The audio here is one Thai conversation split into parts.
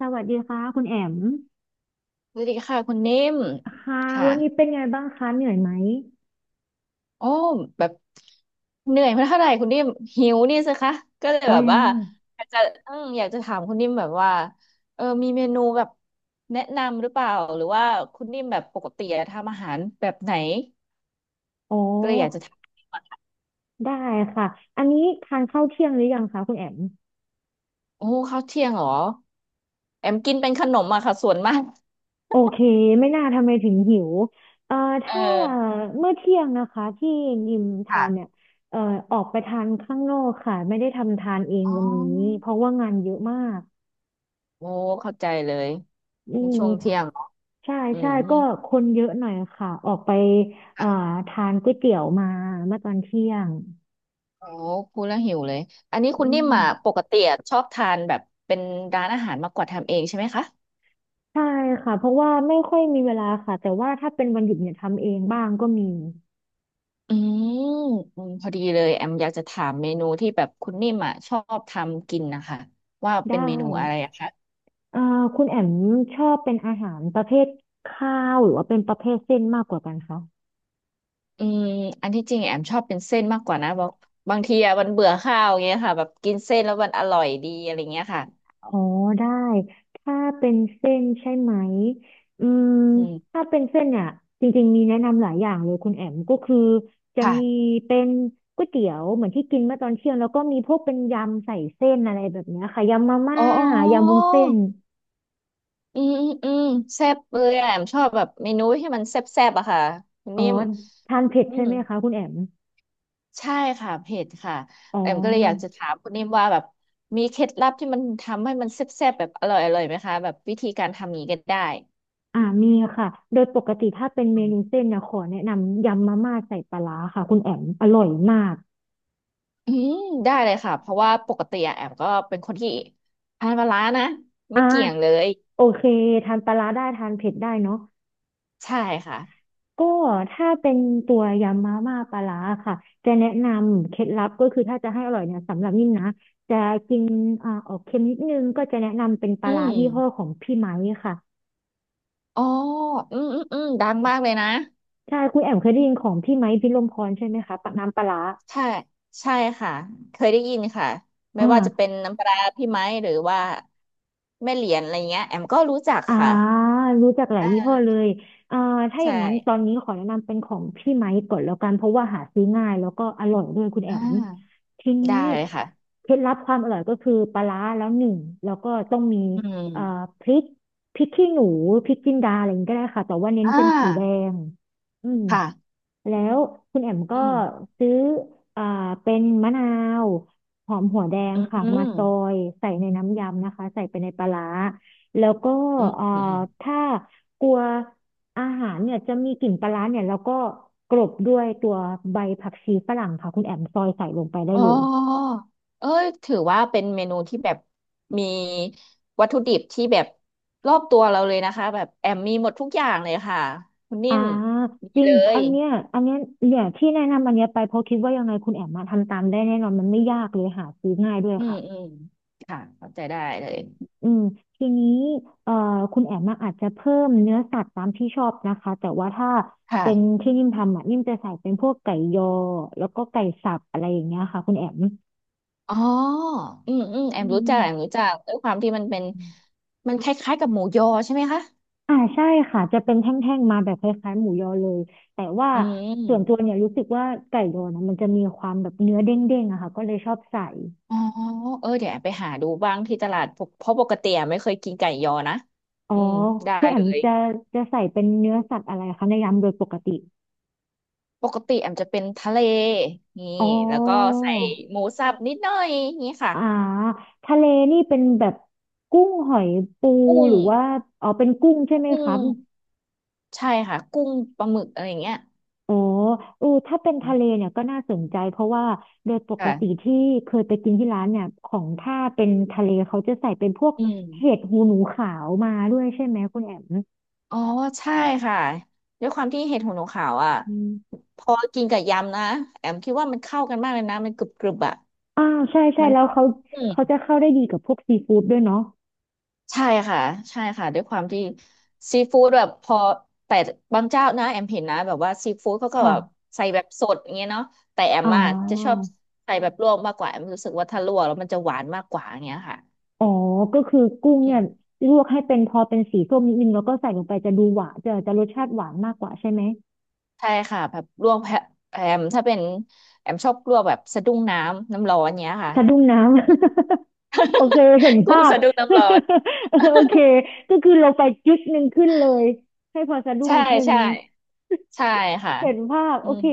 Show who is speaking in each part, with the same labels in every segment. Speaker 1: สวัสดีค่ะคุณแอม
Speaker 2: สวัสดีค่ะคุณนิ่ม
Speaker 1: ค่ะ
Speaker 2: ค่ะ
Speaker 1: วันนี้เป็นไงบ้างคะเหนื่อยไหม
Speaker 2: โอ้แบบเหนื่อยมาเท่าไหร่คุณนิ่มหิวนี่สิคะก็เลย
Speaker 1: อ๋อ
Speaker 2: แบบ
Speaker 1: ยัง
Speaker 2: ว่าอยากจะอยากจะถามคุณนิ่มแบบว่ามีเมนูแบบแนะนำหรือเปล่าหรือว่าคุณนิ่มแบบปกติอะทำอาหารแบบไหน
Speaker 1: อ๋อ
Speaker 2: ก็เลยอยากจะถาม
Speaker 1: ได้ค่ะอันนี้ทานข้าวเที่ยงหรือยังคะคุณแอม
Speaker 2: โอ้ข้าวเที่ยงเหรอแอมกินเป็นขนมอะค่ะส่วนมาก
Speaker 1: โอเคไม่น่าทำไมถึงหิวเอ่อ
Speaker 2: เ
Speaker 1: ถ้า
Speaker 2: ออ
Speaker 1: เมื่อเที่ยงนะคะที่ยิมทาน
Speaker 2: ค่ะ
Speaker 1: เนี่ยเอ่อออกไปทานข้างนอกค่ะไม่ได้ทำทานเอง
Speaker 2: อ๋
Speaker 1: วันนี้
Speaker 2: อ
Speaker 1: เพราะว่างานเยอะมาก
Speaker 2: โอ้เข้าใจเลย
Speaker 1: อืม
Speaker 2: ช่วงเที่ยงเหรอ
Speaker 1: ใช่
Speaker 2: อื
Speaker 1: ใช่
Speaker 2: ม
Speaker 1: ก็คนเยอะหน่อยค่ะออกไปเอ่อทานก๋วยเตี๋ยวมาเมื่อตอนเที่ยง
Speaker 2: โอ้พูดแล้วหิวเลยอันนี้คุณ
Speaker 1: อื
Speaker 2: นิ่ม
Speaker 1: ม
Speaker 2: อ่ะปกติอะชอบทานแบบเป็นร้านอาหารมากกว่าทำเองใช่ไหมคะ
Speaker 1: ใช่ค่ะเพราะว่าไม่ค่อยมีเวลาค่ะแต่ว่าถ้าเป็นวันหยุดเนี่ยทำเองบ้างก็มี
Speaker 2: อืมอืมพอดีเลยแอมอยากจะถามเมนูที่แบบคุณนิ่มอ่ะชอบทำกินนะคะว่า
Speaker 1: ได้
Speaker 2: เป็นเมนูอะไรอะคะ
Speaker 1: เอ่อคุณแอมชอบเป็นอาหารประเภทข้าวหรือว่าเป็นประเภทเส้นมากกว่ากันคะ
Speaker 2: อืมอันที่จริงแอมชอบเป็นเส้นมากกว่านะบอกบางทีอะมันเบื่อข้าวอย่างเงี้ยค่ะแบบกินเส้นแล้วมันอร่อยดีอะไรเงี้ยค่ะ
Speaker 1: อ๋อได้ถ้าเป็นเส้นใช่ไหมอืม
Speaker 2: อืม
Speaker 1: ถ้าเป็นเส้นเนี่ยจริงๆมีแนะนำหลายอย่างเลยคุณแอมก็คือจะมี
Speaker 2: ค่ะ
Speaker 1: เป็นก๋วยเตี๋ยวเหมือนที่กินเมื่อตอนเที่ยงแล้วก็มีพวกเป็นยำใส่เส้นอะไรแบบเนี้ยค่ะยำมาม่า
Speaker 2: อ๋ออ๋
Speaker 1: ยำวุ้น
Speaker 2: อ
Speaker 1: เส้น
Speaker 2: อืมอืมอืมแซ่บเลยอะแอมชอบแบบเมนูที่มันแซ่บๆอะค่ะคุณ
Speaker 1: อ๋อ
Speaker 2: นิ่ม
Speaker 1: ทานเผ็ด
Speaker 2: อื
Speaker 1: ใช่
Speaker 2: ม
Speaker 1: ไหมคะคุณแอม
Speaker 2: ใช่ค่ะเผ็ดค่ะ
Speaker 1: อ๋
Speaker 2: แอมก็เลยอยาก
Speaker 1: อ
Speaker 2: จะถามคุณนิ่มว่าแบบมีเคล็ดลับที่มันทำให้มันแซ่บๆแบบอร่อยอร่อยไหมคะแบบวิธีการทำงนี้ก็ได้
Speaker 1: อ่ามีค่ะโดยปกติถ้าเป็นเมนูเส้นนะขอแนะนำยำมาม่าใส่ปลาร้าค่ะคุณแอมอร่อยมาก
Speaker 2: อืมได้เลยค่ะเพราะว่าปกติอะแอมก็เป็นคนที่ทานปลาร้านะ
Speaker 1: อ่า
Speaker 2: ไม่เกี่ยงเลย
Speaker 1: โอเคทานปลาร้าได้ทานเผ็ดได้เนาะ
Speaker 2: ใช่ค่ะ
Speaker 1: ก็ถ้าเป็นตัวยำมาม่าปลาร้าค่ะจะแนะนำเคล็ดลับก็คือถ้าจะให้อร่อยเนี่ยสำหรับนิ่มนะจะกินออกเค็มนิดนึงก็จะแนะนำเป็นป
Speaker 2: อื
Speaker 1: ลาร้า
Speaker 2: ม
Speaker 1: ยี่ห้อของพี่ไม้ค่ะ
Speaker 2: อ๋ออืมอืมอืมดังมากเลยนะ
Speaker 1: ใช่คุณแอมเคยได้
Speaker 2: อื
Speaker 1: ยิน
Speaker 2: ม
Speaker 1: ของพี่ไม้พิรมพรใช่ไหมคะปะน้ำปลาร้า
Speaker 2: ใช่ใช่ค่ะเคยได้ยินค่ะ
Speaker 1: อ
Speaker 2: ไม่ว่าจะเป็น
Speaker 1: ่า
Speaker 2: น้ำปลาร้าพี่ไม้หรือว่าแม่เหรียญอะไรเงี้ยแอมก็รู้จัก
Speaker 1: อ่า
Speaker 2: ค่ะ
Speaker 1: รู้จักหลา
Speaker 2: อ
Speaker 1: ยยี่ห้อเล
Speaker 2: ่า
Speaker 1: ยอ่าถ้าอ
Speaker 2: ใช่
Speaker 1: ย่างนั้นตอนนี้ขอแนะนำเป็นของพี่ไมค์ก่อนแล้วกันเพราะว่าหาซื้อง่ายแล้วก็อร่อยด้วยคุณแอ
Speaker 2: อ่
Speaker 1: ม
Speaker 2: า
Speaker 1: ทีนี้
Speaker 2: ได้เลยค่ะ
Speaker 1: เคล็ดลับความอร่อยก็คือปลาร้าแล้วหนึ่งแล้วก็ต้องมี
Speaker 2: อื
Speaker 1: เอ่อ
Speaker 2: ม
Speaker 1: พริกพริกขี้หนูพริกจินดาอะไรอย่างนี้ก็ได้ค่ะแต่ว่าเน้น
Speaker 2: อ่า
Speaker 1: เป็นสีแดงอืม
Speaker 2: ค่ะ
Speaker 1: แล้วคุณแอมก็
Speaker 2: อืม
Speaker 1: ซื้ออ่าเป็นมะนาวหอมหัวแดง
Speaker 2: อื
Speaker 1: ค่ะมาซอ
Speaker 2: ม
Speaker 1: ยใส่ในน้ำยำนะคะใส่ไปในปลาร้า แล้วก็
Speaker 2: อืม
Speaker 1: เอ่อ
Speaker 2: อืมอม
Speaker 1: ถ้ากลัวอาหารเนี่ยจะมีกลิ่นปลาร้าเนี่ยแล้วก็กลบด้วยตัวใบผักชีฝรั่งค่ะคุณแอมซอยใส่ลงไปได้
Speaker 2: อ๋
Speaker 1: เลย
Speaker 2: อเอ้ยถือว่าเป็นเมนูที่แบบมีวัตถุดิบที่แบบรอบตัวเราเลยนะคะแบบแอมมีหมดทุกอย่างเลยค่ะคุณนิ่
Speaker 1: อ่า
Speaker 2: มมี
Speaker 1: จริ
Speaker 2: เล
Speaker 1: งอั
Speaker 2: ย
Speaker 1: นเนี้ยอันเนี้ยเนี่ยที่แนะนำอันเนี้ยไปเพราะคิดว่ายังไงคุณแอมมาทำตามได้แน่นอนมันไม่ยากเลยหาซื้อง่ายด้วย
Speaker 2: อืม
Speaker 1: ค่ะ
Speaker 2: อืมค่ะเข้าใจได้เลย
Speaker 1: อืมทีนี้เอ่อคุณแอมมอาจจะเพิ่มเนื้อสัตว์ตามที่ชอบนะคะแต่ว่าถ้าเป็น
Speaker 2: ค่ะ
Speaker 1: ที่นิ่มทำอ่ะนิ่มจะใส่เป็นพวกไก่ยอแล้วก็ไก่สับอะไรอย่างเงี้ยค่ะคุณแอม
Speaker 2: อ๋ออืมอืมแอ
Speaker 1: อื
Speaker 2: มรู้
Speaker 1: ม
Speaker 2: จักแอมรู้จักด้วยความที่มันเป็นมันคล้ายๆกับหมูยอใช่ไหมคะ
Speaker 1: อ่าใช่ค่ะจะเป็นแท่งๆมาแบบคล้ายๆหมูยอเลยแต่ว่า
Speaker 2: อื
Speaker 1: ส่วนตัว
Speaker 2: ม
Speaker 1: เนี่ยรู้สึกว่าไก่ยอนะมันจะมีความแบบเนื้อเด้งๆอะค่ะก็เลยชอบใส่
Speaker 2: อ๋อเออเดี๋ยวแอบไปหาดูบ้างที่ตลาดปกเพราะปกติแอมไม่เคยกินไก่ยอนะ
Speaker 1: อ๋อ
Speaker 2: อืมได้
Speaker 1: คุณแอ
Speaker 2: เล
Speaker 1: ม
Speaker 2: ย
Speaker 1: จะใส่เป็นเนื้อสัตว์อะไรคะในยำโดยปกติ
Speaker 2: ปกติแอมจะเป็นทะเลนี่
Speaker 1: อ๋อ
Speaker 2: แล้วก็ใส่หมูสับนิดหน่อยนี่ค่ะ
Speaker 1: อ่าทะเลนี่เป็นแบบกุ้งหอยปู
Speaker 2: กุ้
Speaker 1: ห
Speaker 2: ง
Speaker 1: รือว่าอ๋อเป็นกุ้งใช่ไหม
Speaker 2: กุ้
Speaker 1: ครับ
Speaker 2: งใช่ค่ะกุ้งปลาหมึกอะไรอย่างเงี้ย
Speaker 1: โอ้อเออถ้าเป็นทะเลเนี่ยก็น่าสนใจเพราะว่าโดยปกติ
Speaker 2: ค่ะ
Speaker 1: ที่เคยไปกินที่ร้านเนี่ยของถ้าเป็นทะเลเขาจะใส่เป็นพวก
Speaker 2: อืม
Speaker 1: เห็ดหูหนูขาวมาด้วยใช่ไหมคุณแอม
Speaker 2: อ๋อใช่ค่ะด้วยความที่เห็ดหูหนูขาวอ่ะ
Speaker 1: อืม
Speaker 2: พอกินกับยำนะแอมคิดว่ามันเข้ากันมากเลยนะมันกรึบกรึบอ่ะ
Speaker 1: อ่าใช่ใช่
Speaker 2: มัน
Speaker 1: แล้วเขา
Speaker 2: อืม
Speaker 1: เขาจะเข้าได้ดีกับพวกซีฟู้ดด้วยเนาะ
Speaker 2: ใช่ค่ะใช่ค่ะด้วยความที่ซีฟู้ดแบบพอแต่บางเจ้านะแอมเห็นนะแบบว่าซีฟู้ดเขาก็แบบ
Speaker 1: ค่ะ
Speaker 2: ใส่แบบสดอย่างเงี้ยเนาะแต่แอม
Speaker 1: อ่
Speaker 2: อะจะชอ
Speaker 1: า
Speaker 2: บใส่แบบลวกมากกว่าแอมรู้สึกว่าถ้าลวกแล้วมันจะหวานมากกว่าอย่างเงี้ยค่ะ
Speaker 1: อ๋อก็คือกุ้ง
Speaker 2: อื
Speaker 1: เนี่ย
Speaker 2: ม
Speaker 1: ลวกให้เป็นพอเป็นสีส้มนิดนึงแล้วก็ใส่ลงไปจะดูหวานจะรสชาติหวานมากกว่าใช่ไหม
Speaker 2: ใช่ค่ะแบบลวกแพะแอมถ้าเป็นแอมชอบลวกแบบสะดุ้งน้ำน้ำร้อนเงี้ยค่ะ
Speaker 1: สะดุ้งน้ำ โอเคเห็น
Speaker 2: กุ้
Speaker 1: ภา
Speaker 2: ง
Speaker 1: พ
Speaker 2: สะดุ้งน้ำร้อน
Speaker 1: เออโอเคก็คือเราไปจุดหนึ่งขึ้นเลยให้พอสะ ดุ้ง
Speaker 2: ใช่
Speaker 1: นิดนึง
Speaker 2: ใช่ใช่ค่ะ
Speaker 1: เห็นภาพ
Speaker 2: อื
Speaker 1: โอเค
Speaker 2: ม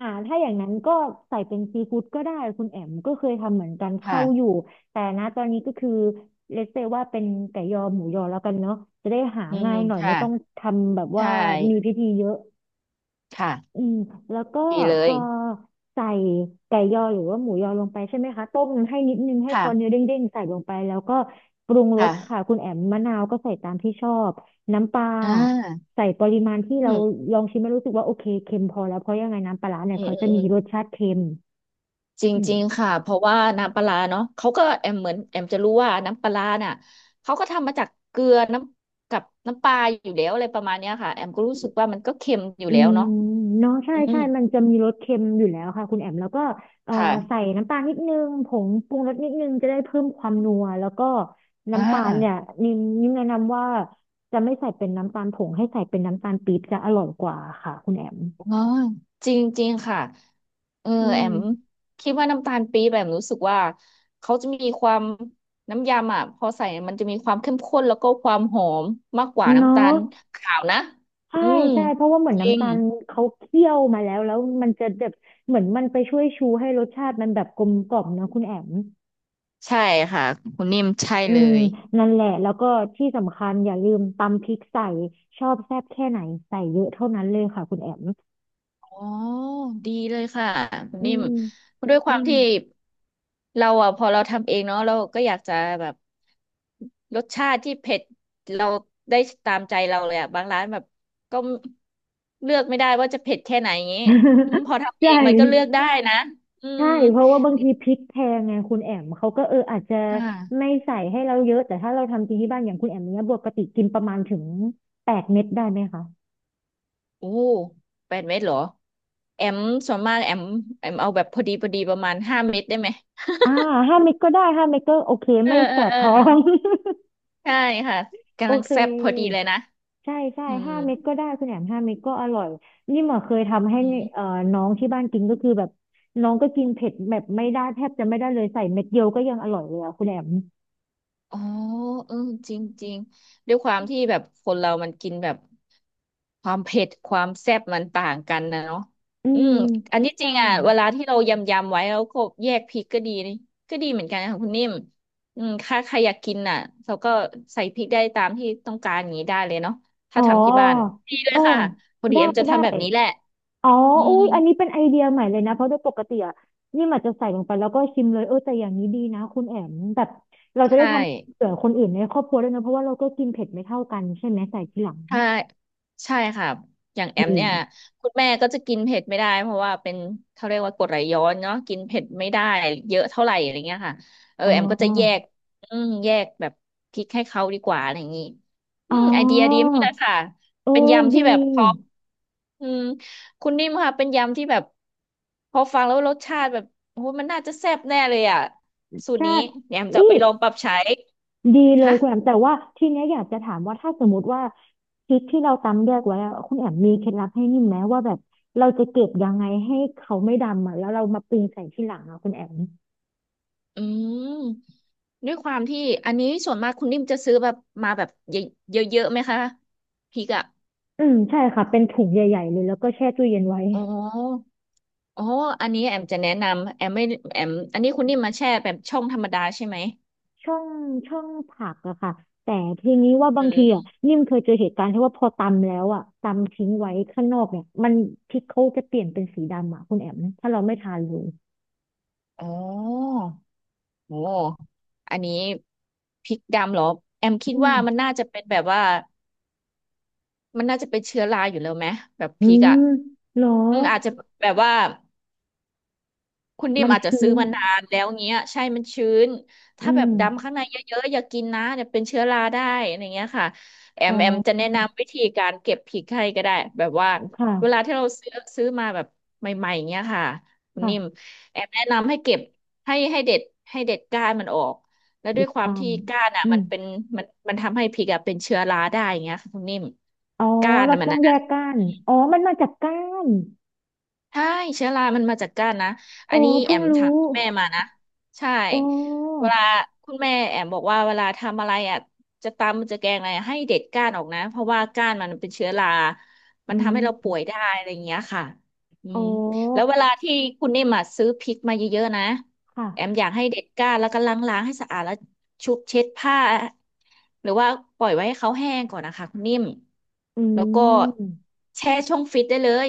Speaker 1: อ่าถ้าอย่างนั้นก็ใส่เป็นซีฟู้ดก็ได้คุณแอมก็เคยทำเหมือนกันเข้าอยู่
Speaker 2: ค่ะ
Speaker 1: แต่นะตอนนี้ก็คือเลสเซว่าเป็นไก่ยอหมูยอแล้วกันเนาะจะได้หา
Speaker 2: อืม
Speaker 1: ง่ายหน่อย
Speaker 2: ค่ะ
Speaker 1: ไม่ต้องทำแบบว่า
Speaker 2: ใช่
Speaker 1: มีพิธีเยอะ
Speaker 2: ค่ะ
Speaker 1: อืมแล้วก็
Speaker 2: ดีเล
Speaker 1: พ
Speaker 2: ย
Speaker 1: อใส่ไก่ยอหรือว่าหมูยอลงไปใช่ไหมคะต้มให้นิดนึงให้พ
Speaker 2: ค่ะ
Speaker 1: อเนื้อเด้งๆใส่ลงไปแล้วก็ปรุงรสค่ะ
Speaker 2: ค่ะ
Speaker 1: คุณแอมมะนาวก็ใส่ตามที่ชอบน้ำปลา
Speaker 2: อ่า
Speaker 1: ใส่ปริมาณที่
Speaker 2: อื
Speaker 1: เรา
Speaker 2: ม
Speaker 1: ลองชิมแล้วรู้สึกว่าโอเคเค็มพอแล้วเพราะยังไงน้ำปลาร้าเนี่ย
Speaker 2: อืม
Speaker 1: เขา
Speaker 2: อืม
Speaker 1: จะ
Speaker 2: อื
Speaker 1: มี
Speaker 2: ม
Speaker 1: รสชาติเค็ม
Speaker 2: จ
Speaker 1: อืม
Speaker 2: ริงๆค่ะ เพราะว่าน้ำปลาร้าเนาะเขาก็แอมเหมือนแอมจะรู้ว่าน้ำปลาร้าน่ะเขาก็ทำมาจากเกลือน้ำกับน้ำปลาอยู่แล้วอะไรประมาณเนี้ยค่ะแอมก็รู้สึกว่ามันก็เค็มอยู่
Speaker 1: อื
Speaker 2: แล้ว
Speaker 1: ม
Speaker 2: เนาะ
Speaker 1: เนาะใช่
Speaker 2: อืม
Speaker 1: ใช่ มันจะมีรสเค็มอยู่แล้วค่ะคุณแอมแล้วก็เอ่อใส่
Speaker 2: ค่ะ
Speaker 1: น้ำตาลนิดนึงผงปรุงรสนิดนึงจะได้เพิ่มความนัวแล้วก็
Speaker 2: อ่
Speaker 1: น้ำตาลเนี่ย
Speaker 2: า
Speaker 1: นิมแนะนำว่าจะไม่ใส่เป็นน้ำตาลผงให้ใส่เป็นน้ำตาลปี๊บจะอร่อยกว่าค่ะคุณแอม
Speaker 2: อ๋อจริงๆค่ะเออ
Speaker 1: อื
Speaker 2: แอ
Speaker 1: ม
Speaker 2: มคิดว่าน้ำตาลปี๊บแอมรู้สึกว่าเขาจะมีความน้ำยำอ่ะพอใส่มันจะมีความเข้มข้นแล้วก็ความหอมมากกว่า
Speaker 1: เนา
Speaker 2: น้ำตา
Speaker 1: ะ
Speaker 2: ลขาวนะ
Speaker 1: ใช่
Speaker 2: อืม
Speaker 1: ใช่เพราะว่าเหมือน
Speaker 2: จริ
Speaker 1: น้ำ
Speaker 2: ง
Speaker 1: ตาลเขาเคี่ยวมาแล้วแล้วมันจะแบบเหมือนมันไปช่วยชูให้รสชาติมันแบบกลมกล่อมเนอะคุณแอม
Speaker 2: ใช่ค่ะคุณนิ่มใช่
Speaker 1: อื
Speaker 2: เล
Speaker 1: ม
Speaker 2: ย
Speaker 1: นั่นแหละแล้วก็ที่สำคัญอย่าลืมตำพริกใส่ชอบแซ่บแค่ไหนใส่เยอะเท่านั้นเลยค่ะคุณแอม
Speaker 2: อ๋อดีเลยค่ะคุณ
Speaker 1: อื
Speaker 2: นิ่ม
Speaker 1: ม
Speaker 2: ด้วยค
Speaker 1: อื
Speaker 2: วาม
Speaker 1: ม
Speaker 2: ที่เราอ่ะพอเราทำเองเนาะเราก็อยากจะแบบรสชาติที่เผ็ดเราได้ตามใจเราเลยอ่ะบางร้านแบบก็เลือกไม่ได้ว่าจะเผ็ดแค่ไหนอย่างงี้อืมพอ ทำเอ
Speaker 1: ใช่
Speaker 2: งมันก็เลือกได้นะอืม
Speaker 1: ใช่เพราะว่าบางทีพริกแพงไงคุณแอมเขาก็เอออาจจะ
Speaker 2: ค
Speaker 1: ไม่
Speaker 2: ่ะ
Speaker 1: ใส่ให้เราเยอะแต่ถ้าเราทำกินที่บ้านอย่างคุณแอมเนี้ยปกติกินประมาณถึง8 เม็ดได้ไหมคะ
Speaker 2: โอ้แปดเม็ดเหรอแอมส่วนมากแอมเอาแบบพอดีพอดีประมาณห้าเม็ดได้ไหม
Speaker 1: อ่าห้าเม็ดก็ได้ห้าเม็ดก็โอเค
Speaker 2: เออ
Speaker 1: ไม่
Speaker 2: เอ
Speaker 1: แส
Speaker 2: อ
Speaker 1: บ
Speaker 2: เออ
Speaker 1: ท้อง
Speaker 2: ใช่ค่ะ
Speaker 1: โอ
Speaker 2: กำลัง
Speaker 1: เค
Speaker 2: แซ่บพอดีเลยนะ
Speaker 1: ใช่ใช่
Speaker 2: อืม
Speaker 1: 5 เม็ดก็ได้คุณแหนมห้าเม็ดก็อร่อยนี่หมอเคยทำให้
Speaker 2: อืม
Speaker 1: เอ่อน้องที่บ้านกินก็คือแบบน้องก็กินเผ็ดแบบไม่ได้แทบจะไม่ได้เลยใส่เม็ดเดียวก็ยังอร่อยเลยอะคุณแหนม
Speaker 2: อ๋อเออจริงจริงด้วยความที่แบบคนเรามันกินแบบความเผ็ดความแซ่บมันต่างกันนะเนาะ
Speaker 1: อื
Speaker 2: อื
Speaker 1: ม
Speaker 2: มอันนี้จ
Speaker 1: ใช่
Speaker 2: ริงอ่ะเวลาที่เรายำไว้แล้วก็แยกพริกก็ดีนี่ก็ดีเหมือนกันค่ะคุณนิ่มอืมถ้าใครอยากกินน่ะเราก็ใส่พริกได้ตามที่ต้องการอย่างนี้ได้เลยเนาะ
Speaker 1: อ๋
Speaker 2: ถ้า
Speaker 1: อ
Speaker 2: ทำที่บ้านดีเลย
Speaker 1: อ๋อ
Speaker 2: ค่ะพอดี
Speaker 1: ได้
Speaker 2: เอ็มจะ
Speaker 1: ได้
Speaker 2: ทำแบบนี้แหละ
Speaker 1: อ๋อ
Speaker 2: อื
Speaker 1: อุ้
Speaker 2: ม
Speaker 1: ยอันนี้เป็นไอเดียใหม่เลยนะเพราะโดยปกติอะนี่มันจะใส่ลงไปแล้วก็ชิมเลยเออแต่อย่างนี้ดีนะคุณแอมแบบเราจะได้
Speaker 2: ใช่
Speaker 1: ทำเผื่อคนอื่นในครอบครัวด้วยนะเพราะว่าเราก็กินเผ็ดไม่เท่ากันใช่ไหมใส่ทีหลัง
Speaker 2: ใช่ค่ะอย่างแอม
Speaker 1: อืม
Speaker 2: เนี่ยคุณแม่ก็จะกินเผ็ดไม่ได้เพราะว่าเป็นเขาเรียกว่ากรดไหลย้อนเนาะกินเผ็ดไม่ได้เยอะเท่าไหร่อะไรเงี้ยค่ะเออ
Speaker 1: อ๋
Speaker 2: แอมก็จะแย
Speaker 1: อ
Speaker 2: กอืมแยกแบบพริกให้เขาดีกว่าอะไรอย่างงี้อื
Speaker 1: อ๋อ
Speaker 2: มไอเดียดีมากเลยค่ะ
Speaker 1: เอ
Speaker 2: เป็น
Speaker 1: อ
Speaker 2: ยำ
Speaker 1: ดี
Speaker 2: ที่แบบพออืมคุณนิ่มค่ะเป็นยำที่แบบพอฟังแล้วรสชาติแบบโอ้โหมันน่าจะแซ่บแน่เลยอ่ะสูตร
Speaker 1: ใช่
Speaker 2: นี้เดี๋ยวแอมจะเอา
Speaker 1: นี่
Speaker 2: ไปลองปรับใช้
Speaker 1: ดีเลย
Speaker 2: ค่ะ
Speaker 1: คุณแอม แต่ว่าทีเนี้ยอยากจะถามว่าถ้าสมมติว่าพริกที่เราตำแยกไว้อะคุณแอมมีเคล็ดลับให้นิ่มไหมว่าแบบเราจะเก็บยังไงให้เขาไม่ดำอ่ะแล้วเรามาปรุงใส่ทีหลังอะคุณแอม
Speaker 2: อืม ด้วยความที่อันนี้ส่วนมากคุณนิ่มจะซื้อแบบมาแบบเยอะเยอะๆไหมคะพริกอ่ะ
Speaker 1: อืมใช่ค่ะเป็นถุงใหญ่ๆเลยแล้วก็แช่ตู้เย็นไว้
Speaker 2: อ๋ออ๋ออันนี้แอมจะแนะนำแอมไม่แอมอันนี้คุณนิ่มมาแช่แบบช่องธรรมดาใช่ไหม
Speaker 1: ช่องผักอะค่ะแต่ทีนี้ว่า
Speaker 2: อื
Speaker 1: บางทีอะ
Speaker 2: ม
Speaker 1: นิ่มเคยเจอเหตุการณ์ที่ว่าพอตำแล้วอะตำทิ้งไว้ข้างนอกเนี่ยมันพริกเขาจะเปลี่ยนเป็นสีดำอะคุณแอมถ้าเราไม่ทานเลย
Speaker 2: อ๋อโอ้อันนี้พริกดำเหรอแอมคิด
Speaker 1: อืม
Speaker 2: ว่ามันน่าจะเป็นแบบว่ามันน่าจะเป็นเชื้อราอยู่แล้วไหมแบบ
Speaker 1: อื
Speaker 2: พริกอ่ะ
Speaker 1: มเหรอ
Speaker 2: อืมอาจจะแบบว่า คุณดิ
Speaker 1: มั
Speaker 2: ม
Speaker 1: น
Speaker 2: อาจจะ
Speaker 1: ชื้
Speaker 2: ซื้อ
Speaker 1: น
Speaker 2: มานานแล้วเงี้ยใช่มันชื้นถ้า
Speaker 1: อื
Speaker 2: แบบ
Speaker 1: ม
Speaker 2: ดำข้างในเยอะๆอย่ากินนะเดี๋ยวเป็นเชื้อราได้อะไรเงี้ยค่ะแอ
Speaker 1: อ๋
Speaker 2: มแอมจะแนะ
Speaker 1: อ
Speaker 2: นำวิธีการเก็บพริกให้ก็ได้แบบว่าเวลา
Speaker 1: ค่ะ
Speaker 2: ที่เราซื้อมาแบบใหม่ๆเงี้ยค่ะคุณนิ่ม
Speaker 1: ค่ะ
Speaker 2: แอมแนะนำให้เก็บให้เด็ดให้เด็ดก้านมันออกแล้วด้
Speaker 1: เด็
Speaker 2: วย
Speaker 1: ด
Speaker 2: ความ
Speaker 1: ก้าน
Speaker 2: ที่ก้านอ่ะ
Speaker 1: อื
Speaker 2: มัน
Speaker 1: ม
Speaker 2: เป็นมันทำให้พริกอ่ะเป็นเชื้อราได้อย่างเงี้ยค่ะคุณนิ่ม
Speaker 1: อ๋อ
Speaker 2: ก้าน
Speaker 1: เรา
Speaker 2: อ่ะมัน
Speaker 1: ต้อง
Speaker 2: นะ
Speaker 1: แยกก้านอ๋อมันมาจากก้าน
Speaker 2: ใช่เชื้อรามันมาจากก้านนะ
Speaker 1: อ๋
Speaker 2: อั
Speaker 1: อ
Speaker 2: นนี้แอ
Speaker 1: เพิ่ง
Speaker 2: ม
Speaker 1: รู้
Speaker 2: ถามคุณแม่มานะใช่
Speaker 1: โอ้
Speaker 2: เวลาคุณแม่แอมบอกว่าเวลาทำอะไรอ่ะจะตำจะแกงอะไรอะให้เด็ดก้านออกนะเพราะว่าก้านมันเป็นเชื้อรามั
Speaker 1: อื
Speaker 2: นทำ
Speaker 1: ม
Speaker 2: ให้เราป่วยได้อะไรอย่างเงี้ยค่ะอืม
Speaker 1: โอ้
Speaker 2: แล้วเวลาที่คุณนิ่มอะซื้อพริกมาเยอะๆนะแอม
Speaker 1: ค่ะ
Speaker 2: อยากให้เด็ดก้านแล้วก็ล้างๆให้สะอาดแล้วชุบเช็ดผ้าหรือว่าปล่อยไว้ให้เขาแห้งก่อนนะคะคุณนิ่ม
Speaker 1: อื
Speaker 2: แล้วก็
Speaker 1: ม
Speaker 2: แช่ช่องฟิตได้เลย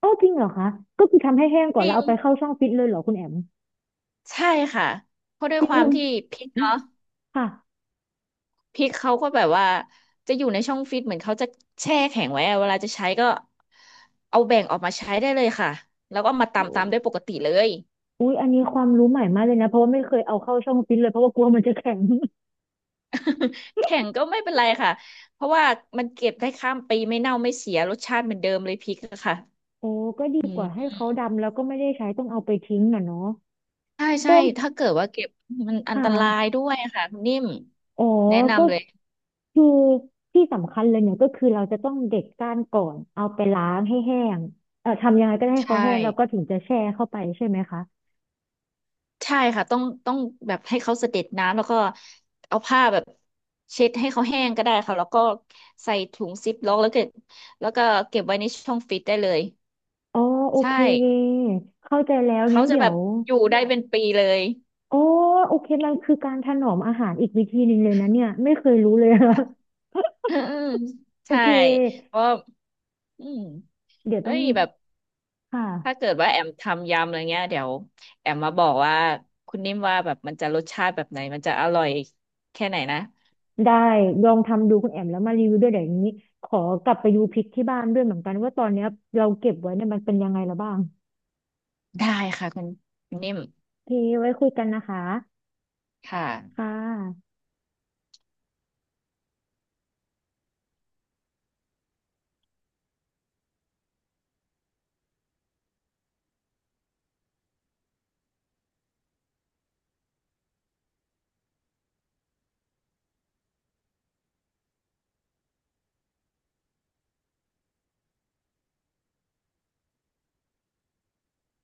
Speaker 1: โอ้จริงเหรอคะก็คือทำให้แห้งก่
Speaker 2: จ
Speaker 1: อน
Speaker 2: ริ
Speaker 1: แล้ว
Speaker 2: ง
Speaker 1: เอาไปเข้าช่องฟิตเลยเหรอคุณแอม
Speaker 2: ใช่ค่ะเพราะด้ว
Speaker 1: จ
Speaker 2: ย
Speaker 1: ริ
Speaker 2: ค
Speaker 1: ง
Speaker 2: วาม
Speaker 1: คุณ
Speaker 2: ที่พริกเนาะ
Speaker 1: ค่ะ
Speaker 2: พริกเขาก็แบบว่าจะอยู่ในช่องฟิตเหมือนเขาจะแช่แข็งไว้อะเวลาจะใช้ก็เอาแบ่งออกมาใช้ได้เลยค่ะแล้วก็มา
Speaker 1: อ
Speaker 2: ตำตามด้วยปกติเลย
Speaker 1: ุ๊ยอันนี้ความรู้ใหม่มากเลยนะ เพราะว่าไม่เคยเอาเข้าช่องฟิตเลย เพราะว่ากลัวมันจะแข็ง
Speaker 2: แข็งก็ไม่เป็นไรค่ะเพราะว่ามันเก็บได้ข้ามปีไม่เน่าไม่เสียรสชาติเหมือนเดิมเลยพริกอะค่ะ
Speaker 1: โอ้ก็ดี
Speaker 2: อื
Speaker 1: กว่าให้
Speaker 2: ม
Speaker 1: เขาดำแล้วก็ไม่ได้ใช้ต้องเอาไปทิ้งน่ะเนาะ
Speaker 2: ใช่ใช่
Speaker 1: ก็
Speaker 2: ถ้าเกิดว่าเก็บมันอัน
Speaker 1: ค่ะ
Speaker 2: ตรายด้วยอะค่ะคุณนิ่ม
Speaker 1: อ๋อ
Speaker 2: แนะ
Speaker 1: ก็
Speaker 2: นำเลย
Speaker 1: คือที่สำคัญเลยเนี่ยก็คือเราจะต้องเด็ดก้านก่อนเอาไปล้างให้แห้งทำยังไงก็ได้ให้
Speaker 2: ใช่
Speaker 1: เขาแห้งแล้วก็ถึงจะแช่เข้าไปใช่ไหมคะ
Speaker 2: ใช่ค่ะต้องแบบให้เขาเสด็จน้ำแล้วก็เอาผ้าแบบเช็ดให้เขาแห้งก็ได้ค่ะแล้วก็ใส่ถุงซิปล็อกแล้วก็เก็บไว้ในช่องฟิตได้เลย
Speaker 1: อ๋อโอ
Speaker 2: ใช่
Speaker 1: เคเข้าใจแล้ว
Speaker 2: เขา
Speaker 1: งั้น
Speaker 2: จะ
Speaker 1: เดี๋
Speaker 2: แบ
Speaker 1: ย
Speaker 2: บ
Speaker 1: ว
Speaker 2: อยู่ได้เป็นปีเลย
Speaker 1: โอ้โอเคมันคือการถนอมอาหารอีกวิธีหนึ่งเลยนะเนี่ยไม่เคยรู้เลยอะ
Speaker 2: อืม
Speaker 1: โอ
Speaker 2: ใช่
Speaker 1: เค
Speaker 2: เพราะอืม
Speaker 1: เดี๋ยว
Speaker 2: เฮ้
Speaker 1: ต้อง
Speaker 2: ยแบบ
Speaker 1: ค
Speaker 2: ถ้า
Speaker 1: ่ะ
Speaker 2: เกิดว่าแอมทำยำอะไรเงี้ยเดี๋ยวแอมมาบอกว่าคุณนิ่มว่าแบบมันจะรสชาติแบบไหนมันจะอร่อยแค่ไหนนะ
Speaker 1: ได้ลองทำดูคุณแอมแล้วมารีวิวด้วยเดี๋ยวนี้ขอกลับไปดูพริกที่บ้านด้วยเหมือนกันว่าตอนเนี้ยเราเก็บไว้เนี่ยมันเป็นยังไงแล้วบ้าง
Speaker 2: ได้ค่ะคุณนิ่ม
Speaker 1: โอเคไว้คุยกันนะคะ
Speaker 2: ค่ะ
Speaker 1: ค่ะ